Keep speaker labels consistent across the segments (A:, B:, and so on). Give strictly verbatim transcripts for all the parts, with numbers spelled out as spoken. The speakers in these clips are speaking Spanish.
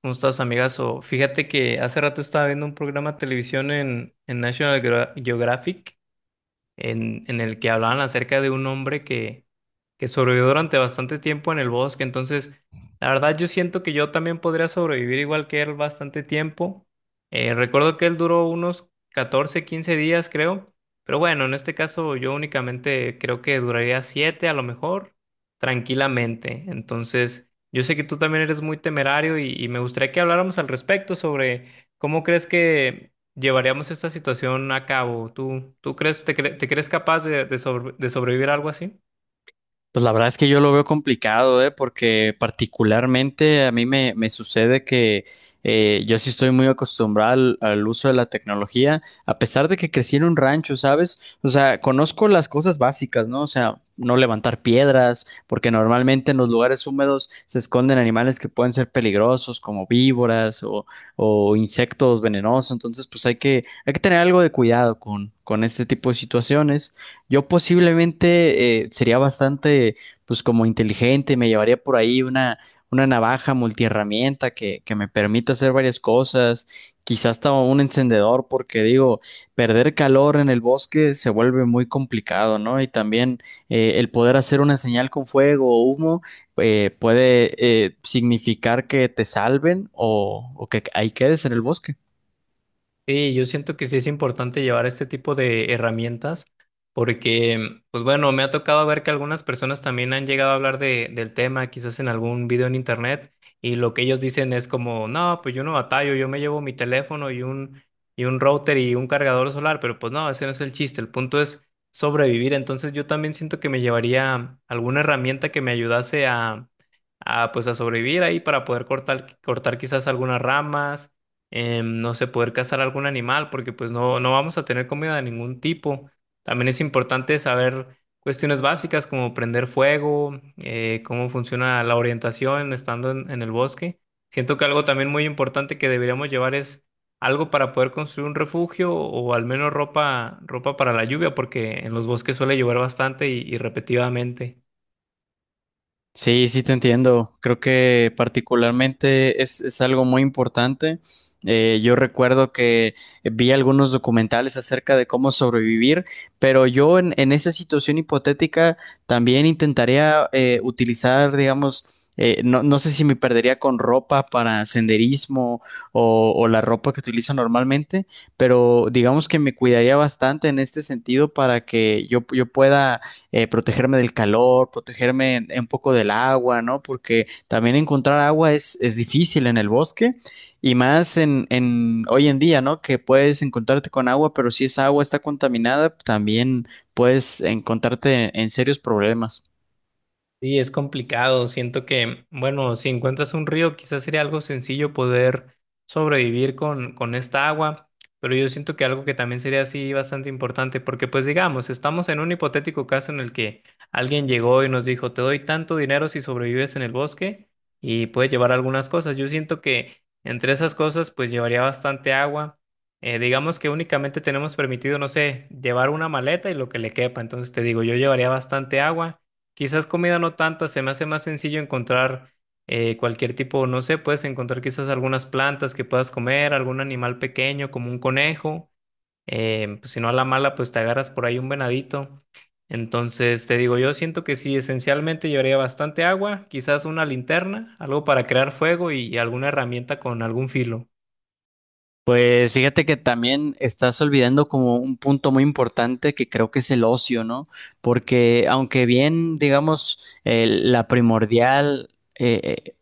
A: ¿Cómo estás, amigazo? Fíjate que hace rato estaba viendo un programa de televisión en, en National Geo- Geographic en, en el que hablaban acerca de un hombre que, que sobrevivió durante bastante tiempo en el bosque. Entonces, la verdad yo siento que yo también podría sobrevivir igual que él bastante tiempo. Eh, recuerdo que él duró unos catorce quince días, creo. Pero bueno, en este caso yo únicamente creo que duraría siete, a lo mejor, tranquilamente. Entonces, yo sé que tú también eres muy temerario y, y me gustaría que habláramos al respecto sobre cómo crees que llevaríamos esta situación a cabo. ¿Tú, tú crees, te, cre- te crees capaz de, de sobre- de sobrevivir a algo así?
B: Pues la verdad es que yo lo veo complicado, ¿eh? Porque particularmente a mí me, me sucede que eh, yo sí estoy muy acostumbrado al, al uso de la tecnología, a pesar de que crecí en un rancho, ¿sabes? O sea, conozco las cosas básicas, ¿no? O sea, no levantar piedras, porque normalmente en los lugares húmedos se esconden animales que pueden ser peligrosos, como víboras o, o insectos venenosos. Entonces, pues hay que, hay que tener algo de cuidado con, con este tipo de situaciones. Yo posiblemente eh, sería bastante, pues como inteligente, me llevaría por ahí una, una navaja multiherramienta que, que me permita hacer varias cosas, quizás hasta un encendedor, porque digo, perder calor en el bosque se vuelve muy complicado, ¿no? Y también eh, el poder hacer una señal con fuego o humo eh, puede eh, significar que te salven o, o que ahí quedes en el bosque.
A: Sí, yo siento que sí es importante llevar este tipo de herramientas porque, pues bueno, me ha tocado ver que algunas personas también han llegado a hablar de, del tema, quizás en algún video en internet, y lo que ellos dicen es como, no, pues yo no batallo, yo me llevo mi teléfono y un, y un router y un cargador solar, pero pues no, ese no es el chiste, el punto es sobrevivir. Entonces yo también siento que me llevaría alguna herramienta que me ayudase a, a pues a sobrevivir ahí para poder cortar, cortar quizás algunas ramas. Em, no sé, poder cazar algún animal, porque pues no, no vamos a tener comida de ningún tipo. También es importante saber cuestiones básicas como prender fuego, eh, cómo funciona la orientación estando en, en el bosque. Siento que algo también muy importante que deberíamos llevar es algo para poder construir un refugio o al menos ropa, ropa para la lluvia, porque en los bosques suele llover bastante y y repetidamente.
B: Sí, sí te entiendo. Creo que particularmente es, es algo muy importante. Eh, yo recuerdo que vi algunos documentales acerca de cómo sobrevivir, pero yo en, en esa situación hipotética también intentaría eh, utilizar, digamos, eh, no, no sé si me perdería con ropa para senderismo o, o la ropa que utilizo normalmente, pero digamos que me cuidaría bastante en este sentido para que yo, yo pueda eh, protegerme del calor, protegerme en- un poco del agua, ¿no? Porque también encontrar agua es, es difícil en el bosque y más en, en hoy en día, ¿no? Que puedes encontrarte con agua, pero si esa agua está contaminada, también puedes encontrarte en serios problemas.
A: Sí, es complicado. Siento que, bueno, si encuentras un río, quizás sería algo sencillo poder sobrevivir con, con esta agua, pero yo siento que algo que también sería así bastante importante, porque pues digamos, estamos en un hipotético caso en el que alguien llegó y nos dijo, te doy tanto dinero si sobrevives en el bosque y puedes llevar algunas cosas. Yo siento que entre esas cosas, pues llevaría bastante agua. Eh, digamos que únicamente tenemos permitido, no sé, llevar una maleta y lo que le quepa. Entonces te digo, yo llevaría bastante agua. Quizás comida no tanta, se me hace más sencillo encontrar eh, cualquier tipo, no sé, puedes encontrar quizás algunas plantas que puedas comer, algún animal pequeño como un conejo. Eh, pues, si no a la mala, pues te agarras por ahí un venadito. Entonces, te digo, yo siento que sí, esencialmente llevaría bastante agua, quizás una linterna, algo para crear fuego y alguna herramienta con algún filo.
B: Pues fíjate que también estás olvidando como un punto muy importante que creo que es el ocio, ¿no? Porque aunque bien, digamos, el- la primordial eh, eh,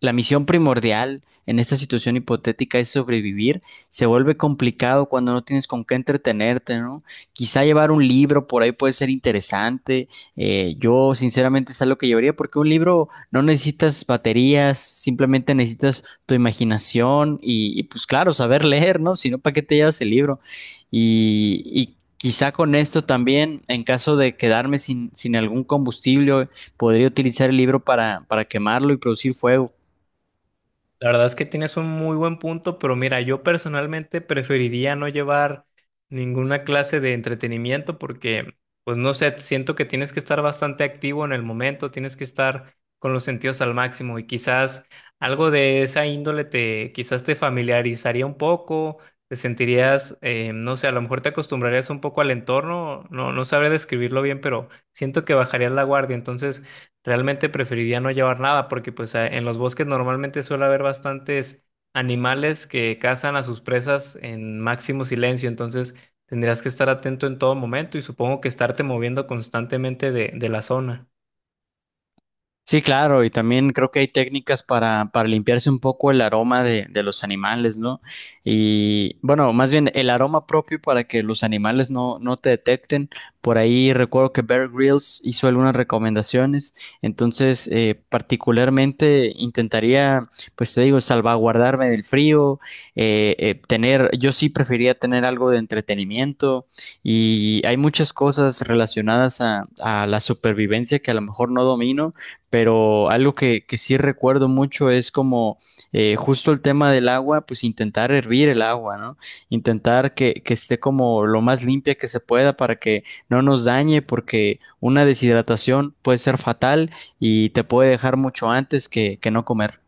B: la misión primordial en esta situación hipotética es sobrevivir. Se vuelve complicado cuando no tienes con qué entretenerte, ¿no? Quizá llevar un libro por ahí puede ser interesante. Eh, yo sinceramente es algo que llevaría porque un libro no necesitas baterías, simplemente necesitas tu imaginación y, y pues claro, saber leer, ¿no? Si no, ¿para qué te llevas el libro? Y, y Quizá con esto también, en caso de quedarme sin, sin algún combustible, podría utilizar el libro para, para quemarlo y producir fuego.
A: La verdad es que tienes un muy buen punto, pero mira, yo personalmente preferiría no llevar ninguna clase de entretenimiento porque, pues no sé, siento que tienes que estar bastante activo en el momento, tienes que estar con los sentidos al máximo y quizás algo de esa índole te, quizás te familiarizaría un poco, te sentirías, eh, no sé, a lo mejor te acostumbrarías un poco al entorno, no, no sabré describirlo bien, pero siento que bajarías la guardia, entonces. Realmente preferiría no llevar nada porque pues a- en los bosques normalmente suele haber bastantes animales que cazan a sus presas en máximo silencio. Entonces tendrías que estar atento en todo momento y supongo que estarte moviendo constantemente de, de la zona.
B: Sí, claro, y también creo que hay técnicas para, para limpiarse un poco el aroma de, de los animales, ¿no? Y bueno, más bien el aroma propio para que los animales no, no te detecten. Por ahí recuerdo que Bear Grylls hizo algunas recomendaciones, entonces eh, particularmente intentaría, pues te digo, salvaguardarme del frío, eh, eh, tener, yo sí preferiría tener algo de entretenimiento y hay muchas cosas relacionadas a a la supervivencia que a lo mejor no domino pero algo que, que sí recuerdo mucho es como eh, justo el tema del agua, pues intentar hervir el agua, ¿no? Intentar que, que esté como lo más limpia que se pueda para que no nos dañe, porque una deshidratación puede ser fatal y te puede dejar mucho antes que, que no comer.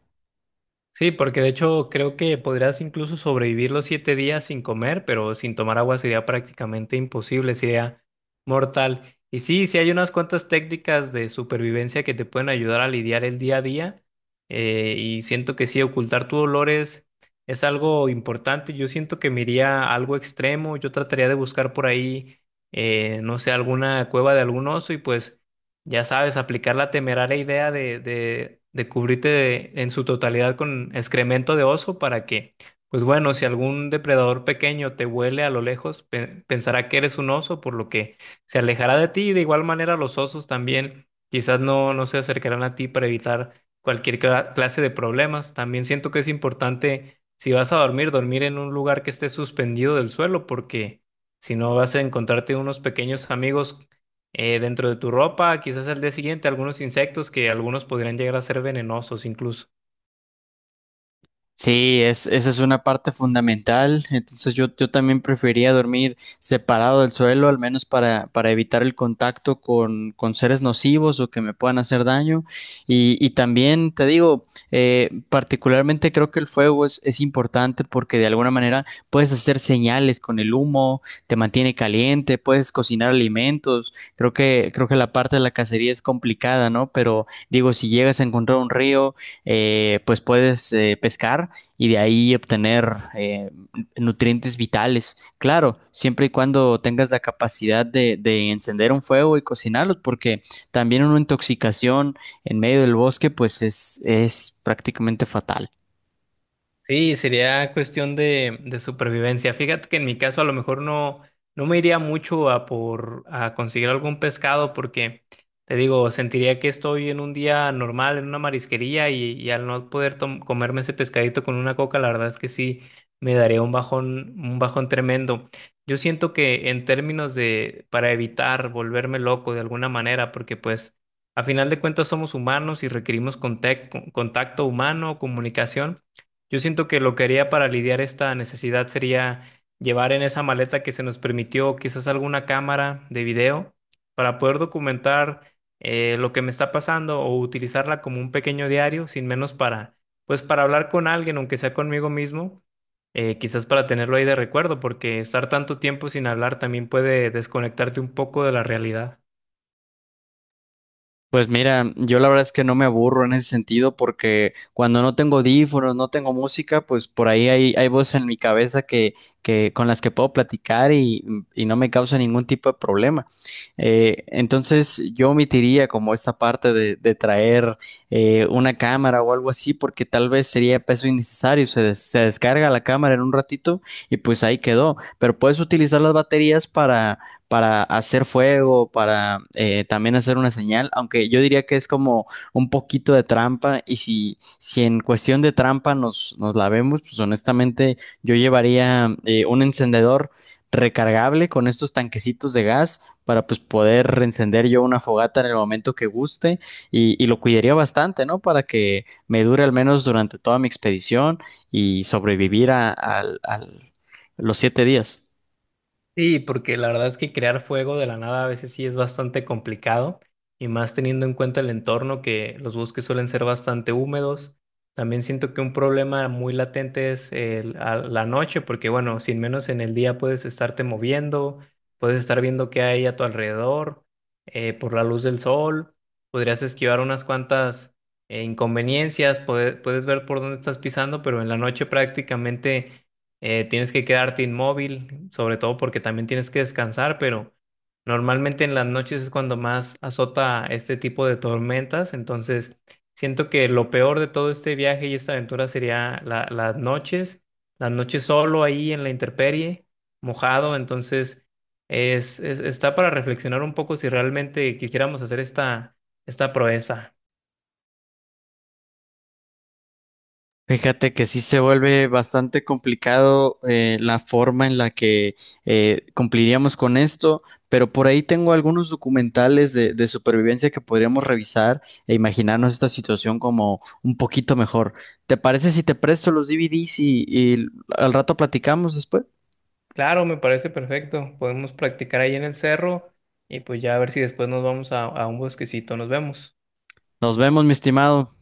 A: Sí, porque de hecho creo que podrías incluso sobrevivir los siete días sin comer, pero sin tomar agua sería prácticamente imposible, sería mortal. Y sí, sí hay unas cuantas técnicas de supervivencia que te pueden ayudar a lidiar el día a día. Eh, y siento que sí, ocultar tus dolores es algo importante. Yo siento que me iría a algo extremo. Yo trataría de buscar por ahí, eh, no sé, alguna cueva de algún oso y pues... Ya sabes, aplicar la temeraria idea de, de- de cubrirte de- en su totalidad con excremento de oso para que, pues bueno, si algún depredador pequeño te huele a lo lejos, pe- pensará que eres un oso, por lo que se alejará de ti. Y de igual manera, los osos también quizás no, no se acercarán a ti para evitar cualquier cla- clase de problemas. También siento que es importante, si vas a dormir, dormir en un lugar que esté suspendido del suelo, porque si no vas a encontrarte unos pequeños amigos eh, dentro de tu ropa, quizás al día siguiente algunos insectos que algunos podrían llegar a ser venenosos incluso.
B: Sí, es, esa es una parte fundamental. Entonces yo, yo también prefería dormir separado del suelo, al menos para, para evitar el contacto con, con seres nocivos o que me puedan hacer daño. Y, y también te digo, eh, particularmente creo que el fuego es, es importante porque de alguna manera puedes hacer señales con el humo, te mantiene caliente, puedes cocinar alimentos. Creo que, creo que la parte de la cacería es complicada, ¿no? Pero digo, si llegas a encontrar un río eh, pues puedes eh, pescar y de ahí obtener eh, nutrientes vitales. Claro, siempre y cuando tengas la capacidad de, de encender un fuego y cocinarlos, porque también una intoxicación en medio del bosque, pues es, es prácticamente fatal.
A: Sí, sería cuestión de, de supervivencia. Fíjate que en mi caso a lo mejor no, no me iría mucho a por a conseguir algún pescado porque te digo, sentiría que estoy en un día normal, en una marisquería, y, y al no poder tom- comerme ese pescadito con una coca, la verdad es que sí me daría un bajón, un bajón tremendo. Yo siento que en términos de, para evitar volverme loco de alguna manera, porque pues a final de cuentas somos humanos y requerimos contec- contacto humano, comunicación. Yo siento que lo que haría para lidiar esta necesidad sería llevar en esa maleta que se nos permitió quizás alguna cámara de video para poder documentar eh, lo que me está pasando o utilizarla como un pequeño diario, sin menos para, pues para hablar con alguien, aunque sea conmigo mismo, eh, quizás para tenerlo ahí de recuerdo, porque estar tanto tiempo sin hablar también puede desconectarte un poco de la realidad.
B: Pues mira, yo la verdad es que no me aburro en ese sentido porque cuando no tengo audífonos, no tengo música, pues por ahí hay, hay voces en mi cabeza que, que con las que puedo platicar y, y no me causa ningún tipo de problema. Eh, entonces yo omitiría como esta parte de, de traer eh, una cámara o algo así porque tal vez sería peso innecesario. Se, des- se descarga la cámara en un ratito y pues ahí quedó. Pero puedes utilizar las baterías para para hacer fuego, para eh, también hacer una señal, aunque yo diría que es como un poquito de trampa y si, si en cuestión de trampa nos, nos la vemos, pues honestamente yo llevaría eh, un encendedor recargable con estos tanquecitos de gas para pues poder reencender yo una fogata en el momento que guste y, y lo cuidaría bastante, ¿no? Para que me dure al menos durante toda mi expedición y sobrevivir a, al- al- los siete días.
A: Sí, porque la verdad es que crear fuego de la nada a veces sí es bastante complicado, y más teniendo en cuenta el entorno que los bosques suelen ser bastante húmedos. También siento que un problema muy latente es el- a la noche, porque bueno, sin menos en el día puedes estarte moviendo, puedes estar viendo qué hay a tu alrededor, eh, por la luz del sol, podrías esquivar unas cuantas eh, inconveniencias, puede- puedes ver por dónde estás pisando, pero en la noche prácticamente eh, tienes que quedarte inmóvil, sobre todo porque también tienes que descansar, pero normalmente en las noches es cuando más azota este tipo de tormentas. Entonces siento que lo peor de todo este viaje y esta aventura sería la- las noches, las noches solo ahí en la intemperie, mojado. Entonces es, es- está para reflexionar un poco si realmente quisiéramos hacer esta, esta proeza.
B: Fíjate que sí se vuelve bastante complicado eh, la forma en la que eh, cumpliríamos con esto, pero por ahí tengo algunos documentales de, de supervivencia que podríamos revisar e imaginarnos esta situación como un poquito mejor. ¿Te parece si te presto los D V Ds y, y al rato platicamos después?
A: Claro, me parece perfecto. Podemos practicar ahí en el cerro y pues ya a ver si después nos vamos a, a un bosquecito. Nos vemos.
B: Nos vemos, mi estimado.